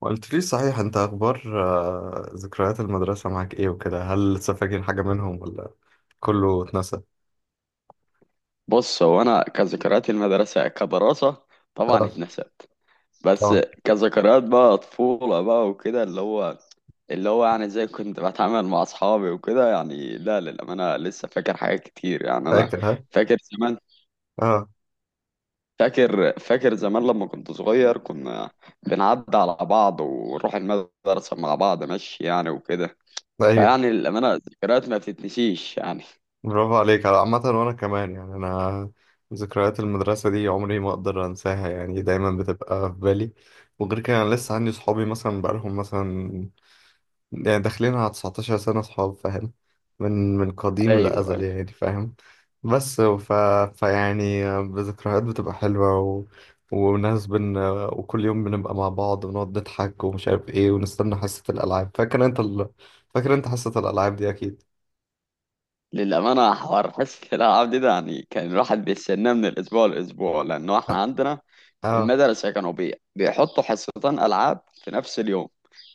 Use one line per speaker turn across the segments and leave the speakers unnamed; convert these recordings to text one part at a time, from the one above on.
قلت لي صحيح، انت اخبار؟ آه، ذكريات المدرسة معاك ايه وكده، هل لسه فاكر حاجة منهم ولا كله اتنسى؟
بص هو انا كذكريات المدرسه كدراسه طبعا
اه.
اتنست. بس
طبعا.
كذكريات بقى طفوله بقى وكده اللي هو يعني زي كنت بتعامل مع اصحابي وكده، يعني لا للامانه لسه فاكر حاجات كتير يعني. انا
فاكر، ها؟
فاكر زمان،
اه.
فاكر زمان لما كنت صغير. كنا بنعدي على بعض ونروح المدرسه مع بعض ماشي يعني وكده.
ايوه.
فيعني للامانه الذكريات ما بتتنسيش يعني.
برافو عليك، على عامة وانا كمان يعني انا ذكريات المدرسة دي عمري ما اقدر انساها، يعني دايما بتبقى في بالي. وغير كده انا لسه عندي صحابي مثلا، بقالهم مثلا يعني داخلين على 19 سنة صحاب، فاهم؟ من قديم
ايوه،
الأزل يعني، فاهم؟ بس فيعني بذكريات بتبقى حلوة وناس وكل يوم بنبقى مع بعض ونقعد نضحك ومش عارف ايه ونستنى حصة الألعاب. فاكر انت حصة الألعاب دي أكيد.
للأمانة حوار حصة الألعاب دي ده يعني كان الواحد بيستناه من الأسبوع للأسبوع، لأنه إحنا
اه.
عندنا في
آه،
المدرسة كانوا بيحطوا حصتين ألعاب في نفس اليوم.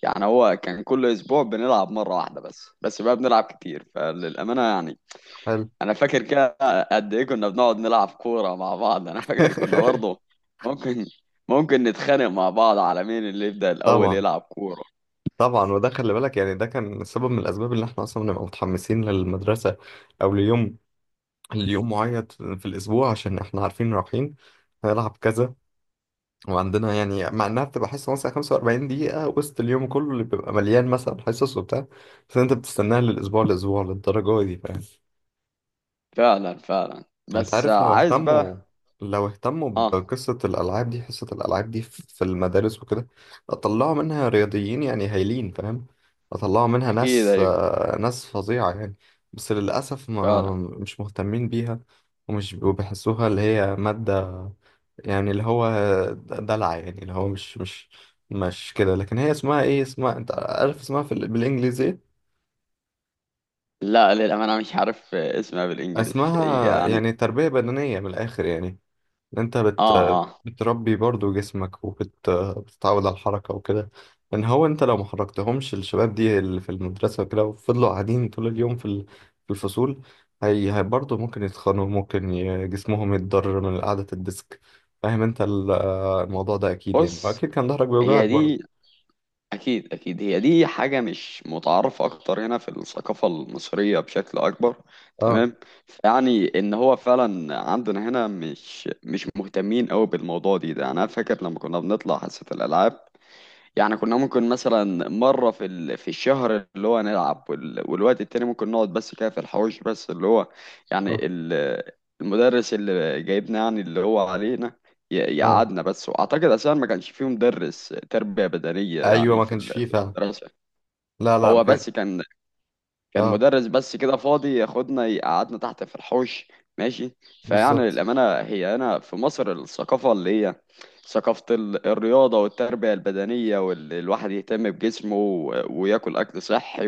يعني هو كان كل أسبوع بنلعب مرة واحدة بس بقى بنلعب كتير. فللأمانة يعني
حلو.
أنا فاكر كده. قد إيه كنا بنقعد نلعب كورة مع بعض! أنا فاكر كنا برضه ممكن ممكن نتخانق مع بعض على مين اللي يبدأ الأول
طبعا،
يلعب كورة.
طبعا. وده خلي بالك يعني ده كان سبب من الأسباب اللي احنا أصلا بنبقى متحمسين للمدرسة، أو ليوم اليوم معين في الأسبوع، عشان إحنا عارفين رايحين هنلعب كذا. وعندنا يعني مع إنها بتبقى حصة مثلا 45 دقيقة وسط اليوم كله اللي بيبقى مليان مثلا حصص وبتاع، بس أنت بتستناها للأسبوع لأسبوع للدرجة دي، فاهم؟
فعلا فعلا.
انت
بس
عارف لو
عايز
اهتموا،
بقى.
لو اهتموا
آه.
بقصة الألعاب دي، حصة الألعاب دي في المدارس وكده، طلعوا منها رياضيين يعني هايلين، فاهم؟ طلعوا منها
أكيد.
ناس،
أيوه.
آه، ناس فظيعة يعني. بس للأسف ما
فعلا.
مش مهتمين بيها. ومش وبيحسوها اللي هي مادة، يعني اللي هو دلع، يعني اللي هو مش مش كده. لكن هي اسمها ايه، اسمها انت عارف اسمها في بالإنجليزي.
لا للأمانة مش عارف اسمها بالإنجلش
اسمها
يعني.
يعني تربية بدنية من الآخر يعني. انت
آه آه.
بتربي برضو جسمك وبتتعود على الحركة وكده. ان هو انت لو ما حركتهمش الشباب دي اللي في المدرسة وكده وفضلوا قاعدين طول اليوم في في الفصول، هي برضو ممكن يتخنوا، ممكن جسمهم يتضرر من قعدة الديسك، فاهم انت؟ الموضوع ده اكيد يعني،
بص،
واكيد كان ظهرك بيوجعك
هي
برضو.
دي. أكيد أكيد هي دي حاجة مش متعارفة أكتر هنا في الثقافة المصرية بشكل أكبر،
اه
تمام. يعني إن هو فعلا عندنا هنا مش مهتمين أوي بالموضوع دي ده. أنا فاكر لما كنا بنطلع حصة الألعاب، يعني كنا ممكن مثلا مرة في الشهر اللي هو نلعب، والوقت التاني ممكن نقعد بس كده في الحوش بس، اللي هو يعني
صح.
المدرس اللي جايبنا يعني اللي هو علينا
اه
يقعدنا بس. وأعتقد أساسا ما كانش فيه مدرس تربية بدنية
ايوه،
يعني
ما كانش فيه
في
فعلا.
المدرسة.
لا لا، ما
هو
كان.
بس كان
اه
مدرس بس كده فاضي ياخدنا يقعدنا تحت في الحوش ماشي. فيعني
بالظبط.
للأمانة هي هنا في مصر الثقافة اللي هي ثقافة الرياضة والتربية البدنية، واللي الواحد يهتم بجسمه وياكل أكل صحي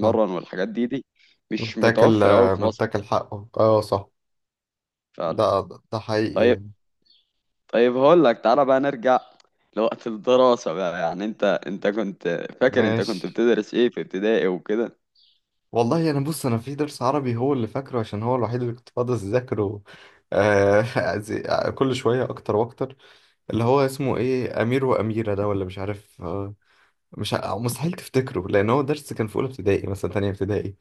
صح.
والحاجات دي مش
متاكل،
متوفرة أوي في مصر.
متاكل حقه، اه صح.
فعلا.
ده ده حقيقي
طيب.
يعني.
طيب، هقول لك تعالى بقى نرجع لوقت الدراسة بقى. يعني انت كنت فاكر انت كنت
ماشي.
بتدرس ايه في ابتدائي وكده؟
والله انا بص، انا في درس عربي هو اللي فاكره عشان هو الوحيد اللي كنت فاضي اذاكره. آه. زي- كل شويه اكتر واكتر، اللي هو اسمه ايه، امير واميره ده ولا مش عارف، آه مش ع- مستحيل تفتكره، لان هو درس كان في اولى ابتدائي مثلا تانية ابتدائي،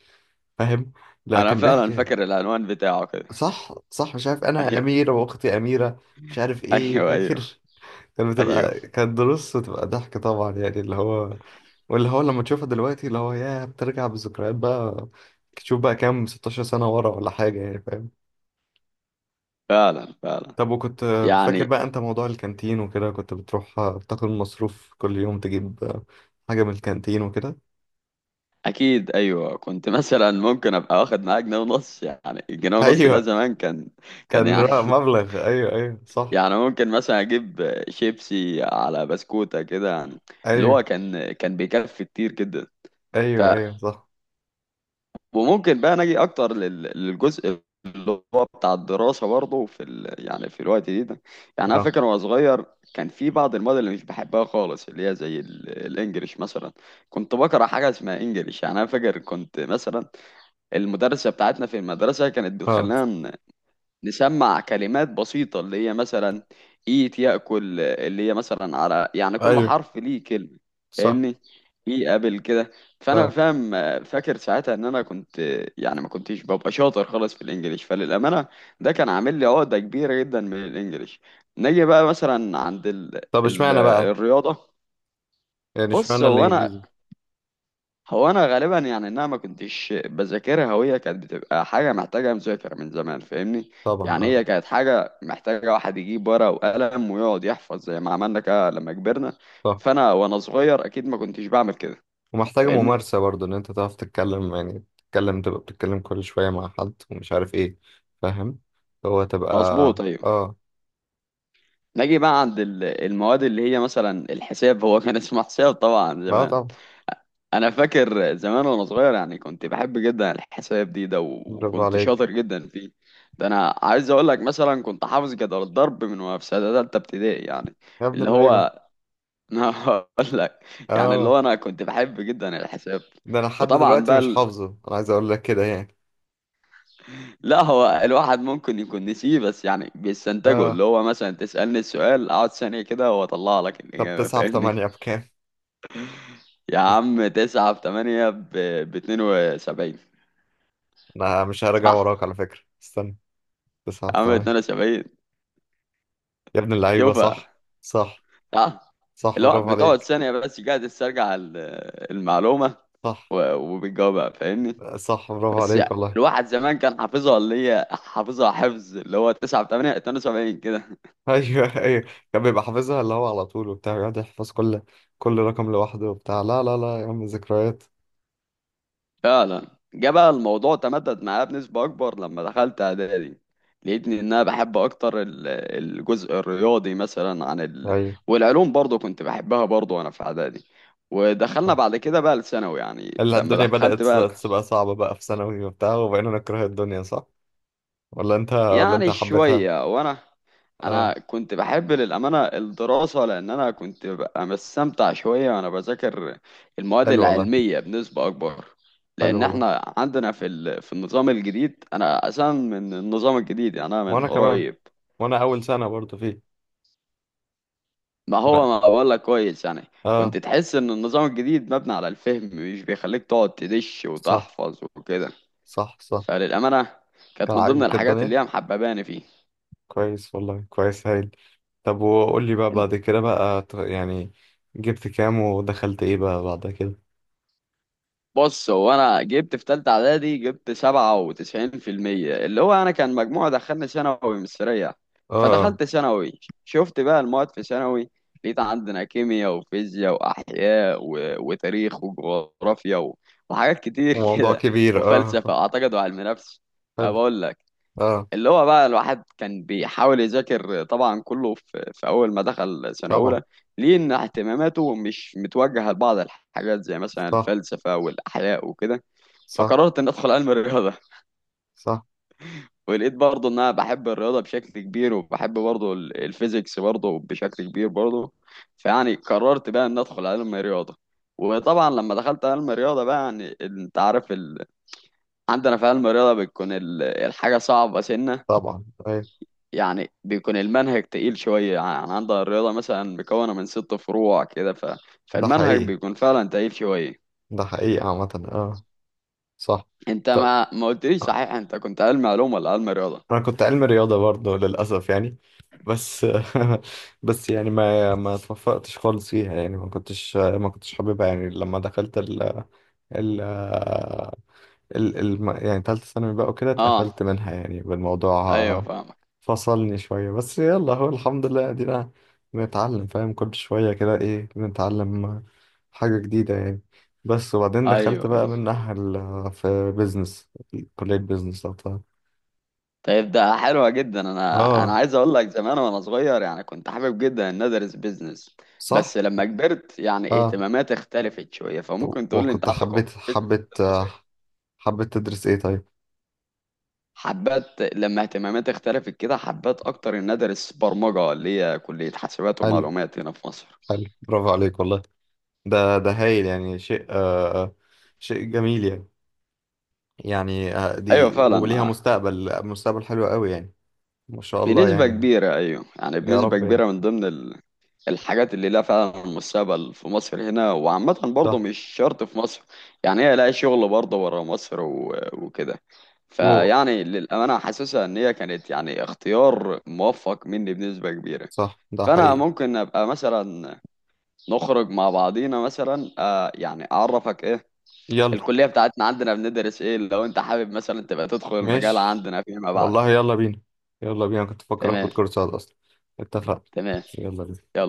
فاهم؟ لا
انا
كان
فعلا
بيحكي.
فاكر العنوان بتاعه كده.
صح صح. مش عارف انا،
ايوه
اميره واختي اميره مش عارف ايه،
ايوه. ايوه
فاكر. كانت
ايوه.
بتبقى، كانت دروس وتبقى ضحك طبعا يعني اللي هو، واللي هو لما تشوفها دلوقتي اللي هو يا بترجع بالذكريات بقى، تشوف بقى كام 16 سنة ورا ولا حاجة، يعني فاهم؟
فعلا فعلا،
طب وكنت فاكر
يعني.
بقى انت موضوع الكانتين وكده، كنت بتروح تاخد مصروف كل يوم، تجيب حاجة من الكانتين وكده؟
اكيد ايوه، كنت مثلا ممكن ابقى واخد معايا جنيه ونص. يعني الجنيه ونص ده
ايوه،
زمان كان، كان
كان
يعني.
رقم مبلغ، ايوه ايوه صح.
يعني ممكن مثلا اجيب شيبسي على بسكوتة كده يعني، اللي هو
ايوه
كان بيكفي كتير جدا.
ايوه ايوه صح.
وممكن بقى نجي اكتر للجزء اللي هو بتاع الدراسه برضه يعني في الوقت دي ده. يعني انا
اه
فاكر وانا صغير كان في بعض المواد اللي مش بحبها خالص، اللي هي زي الانجليش مثلا. كنت بكره حاجه اسمها انجليش يعني. انا فاكر كنت مثلا المدرسه بتاعتنا، في المدرسه كانت
اه
بتخلينا نسمع كلمات بسيطة اللي هي مثلا إيت يأكل، اللي هي مثلا على يعني كل
ايوه
حرف ليه كلمة.
صح.
فاهمني؟ إيه قبل كده. فأنا
اه.
فاهم، فاكر ساعتها إن أنا كنت يعني ما كنتش ببقى شاطر خالص في الإنجليش. فللأمانة ده كان عامل لي عقدة كبيرة جدا من الإنجليش. نيجي بقى مثلا عند
طب
ال...
اشمعنى بقى،
الرياضة.
يعني
بص
اشمعنى الانجليزي؟
هو انا غالبا يعني انها ما كنتش بذاكرها، وهي كانت بتبقى حاجه محتاجه مذاكره من زمان، فاهمني؟
طبعا
يعني
اه.
هي كانت حاجه محتاجه واحد يجيب ورقه وقلم ويقعد يحفظ زي ما عملنا كده لما كبرنا.
صح.
فانا وانا صغير اكيد ما كنتش بعمل كده،
ومحتاجة
فاهمني؟
ممارسة برضه، إن أنت تعرف تتكلم، يعني تتكلم تبقى بتتكلم كل شوية مع حد، ومش عارف إيه. فاهم، هو تبقى.
مظبوط، ايوه.
آه.
نجي بقى عند المواد اللي هي مثلا الحساب. هو كان اسمه حساب طبعا
بقى
زمان.
طبعا.
انا فاكر زمان وانا صغير يعني كنت بحب جدا الحساب ده،
برافو
وكنت
عليك
شاطر جدا فيه. ده انا عايز اقول لك مثلا كنت حافظ جدول الضرب من وانا في سنه ثالثه ابتدائي يعني،
يا ابن
اللي
اللعيبة.
هو انا هقول لك. يعني اللي
آه.
هو انا كنت بحب جدا الحساب،
ده أنا لحد
وطبعا
دلوقتي
بقى
مش حافظه، أنا عايز أقول لك كده يعني.
لا، هو الواحد ممكن يكون نسيه، بس يعني بيستنتجه.
آه.
اللي هو مثلا تسألني السؤال، اقعد ثانية كده واطلع لك
طب
الإجابة،
تسعة في
فاهمني؟
تمانية بكام؟
يا عم تسعة في تمانية ب 72.
أنا مش هرجع وراك
صح.
على فكرة، استنى. تسعة
يا
في
عم
تمانية،
72.
يا ابن اللعيبة.
شوفها.
صح. صح.
اه،
صح
اللي هو
برافو
بتقعد
عليك.
ثانية بس قاعد تسترجع المعلومة،
صح
وبتجاوبها، فاهمني؟
صح برافو
بس
عليك
يعني
والله.
الواحد زمان كان حافظها، اللي هي حافظها حفظ، اللي هو 9 في 8 72 كده.
ايوه ايوه، كان بيبقى حافظها اللي هو على طول وبتاع، يقعد يحفظ كل رقم لوحده وبتاع. لا لا لا يا عم، ذكريات.
فعلا. جه بقى الموضوع تمدد معايا بنسبة أكبر لما دخلت إعدادي. لقيتني إن أنا بحب أكتر الجزء الرياضي مثلا عن
ايوه
والعلوم برضو كنت بحبها برضو وأنا في إعدادي. ودخلنا
صح.
بعد كده بقى الثانوي. يعني
اللي
لما
الدنيا
دخلت
بدأت
بقى
تبقى صعبة بقى في ثانوي وبتاع وبقينا نكره الدنيا، صح؟ ولا انت
يعني
حبيتها؟
شوية، وانا
اه.
كنت بحب للأمانة الدراسة، لان انا كنت ببقى مستمتع شوية وانا بذاكر المواد
حلو والله،
العلمية بنسبة اكبر.
حلو
لان
والله.
احنا عندنا في النظام الجديد، انا اساسا من النظام الجديد يعني انا من
وانا كمان،
قريب.
وانا اول سنة برضو فيه.
ما هو
لا.
ما بقول لك كويس يعني.
اه
كنت تحس ان النظام الجديد مبني على الفهم، مش بيخليك تقعد تدش
صح
وتحفظ وكده.
صح صح.
فللأمانة كانت
كان
من ضمن
عاجبك
الحاجات
الدنيا،
اللي هي محبباني فيه.
كويس والله، كويس هايل. طب وقول لي بقى بعد كده بقى يعني جبت كام ودخلت ايه بقى بعد كده؟
بص هو انا جبت في تالتة اعدادي، جبت 97%، اللي هو انا كان مجموع دخلني ثانوي مش سريع.
اه اه.
فدخلت ثانوي شفت بقى المواد في ثانوي، لقيت عندنا كيمياء وفيزياء واحياء وتاريخ وجغرافيا وحاجات كتير
موضوع
كده،
كبير
وفلسفة
اه.
اعتقد وعلم نفس. ما
حلو.
بقول لك،
اه.
اللي هو بقى الواحد كان بيحاول يذاكر طبعا كله في أول ما دخل سنة
طبعا.
أولى، ليه إن اهتماماته مش متوجهة لبعض الحاجات زي مثلا
صح
الفلسفة والأحياء وكده.
صح
فقررت إن أدخل علم الرياضة.
صح.
ولقيت برضه إن أنا بحب الرياضة بشكل كبير، وبحب برضه الفيزيكس برضه بشكل كبير برضه. فيعني قررت بقى إن أدخل علم الرياضة. وطبعا لما دخلت علم الرياضة بقى يعني انت عارف عندنا في علم الرياضة بتكون الحاجة صعبة سنة.
طبعا ايوه.
يعني بيكون المنهج تقيل شوية. يعني عندها الرياضة مثلا مكونة من 6 فروع كده،
ده
فالمنهج
حقيقي،
بيكون فعلا تقيل شوية.
ده حقيقي عامة اه. صح.
انت
طب
ما قلتليش صحيح انت كنت علم علوم ولا علم رياضة؟
انا كنت علم رياضة برضه للأسف يعني، بس بس يعني ما اتوفقتش خالص فيها يعني، ما كنتش حاببها يعني، لما دخلت ال يعني تالتة ثانوي بقى وكده
اه،
اتقفلت منها يعني
ايوه
بالموضوع.
فاهمك.
فصلني شوية بس يلا، هو الحمد لله ادينا بنتعلم، فاهم كل شوية كده ايه، بنتعلم حاجة جديدة يعني. بس وبعدين
ايوه
دخلت بقى
ايوه.
منها في بيزنس، كلية بيزنس لو تعرف.
طيب ده حلوة جدا. انا
اه
عايز اقول لك زمان وانا صغير يعني كنت حابب جدا ان ادرس بيزنس،
صح.
بس لما كبرت يعني
اه،
اهتماماتي اختلفت شوية. فممكن تقول لي
وكنت
انت عندكم في
حبيت
البيزنس
حبيت
بتدرسوا ايه؟
حبيت تدرس ايه طيب؟
حبات لما اهتماماتي اختلفت كده، حبات اكتر ان ادرس برمجه، اللي هي كليه حاسبات
حلو،
ومعلومات هنا في مصر.
حلو برافو عليك والله، ده هايل يعني شيء، آه شيء جميل يعني، يعني آه،
ايوه
دي
فعلا،
وليها
ما
مستقبل، مستقبل حلو قوي يعني. ما شاء الله
بنسبه
يعني.
كبيره. ايوه يعني
يا
بنسبه
رب يعني.
كبيره من ضمن الحاجات اللي لها فعلا مستقبل في مصر هنا، وعامه برضه
صح
مش شرط في مصر، يعني هي لها شغل برضه بره مصر وكده.
و
فيعني للامانه حاسسها ان هي كانت يعني اختيار موفق مني بنسبه كبيره.
صح، ده
فانا
حقيقي.
ممكن ابقى مثلا نخرج مع بعضينا مثلا، يعني اعرفك ايه
يلا.
الكليه بتاعتنا، عندنا بندرس ايه، لو انت حابب مثلا تبقى تدخل المجال
ماشي
عندنا فيما بعد.
والله، يلا بينا، يلا بينا، كنت فاكر
تمام
اخد كورس صعد اصلا. اتفقنا.
تمام.
يلا بينا.
يلا.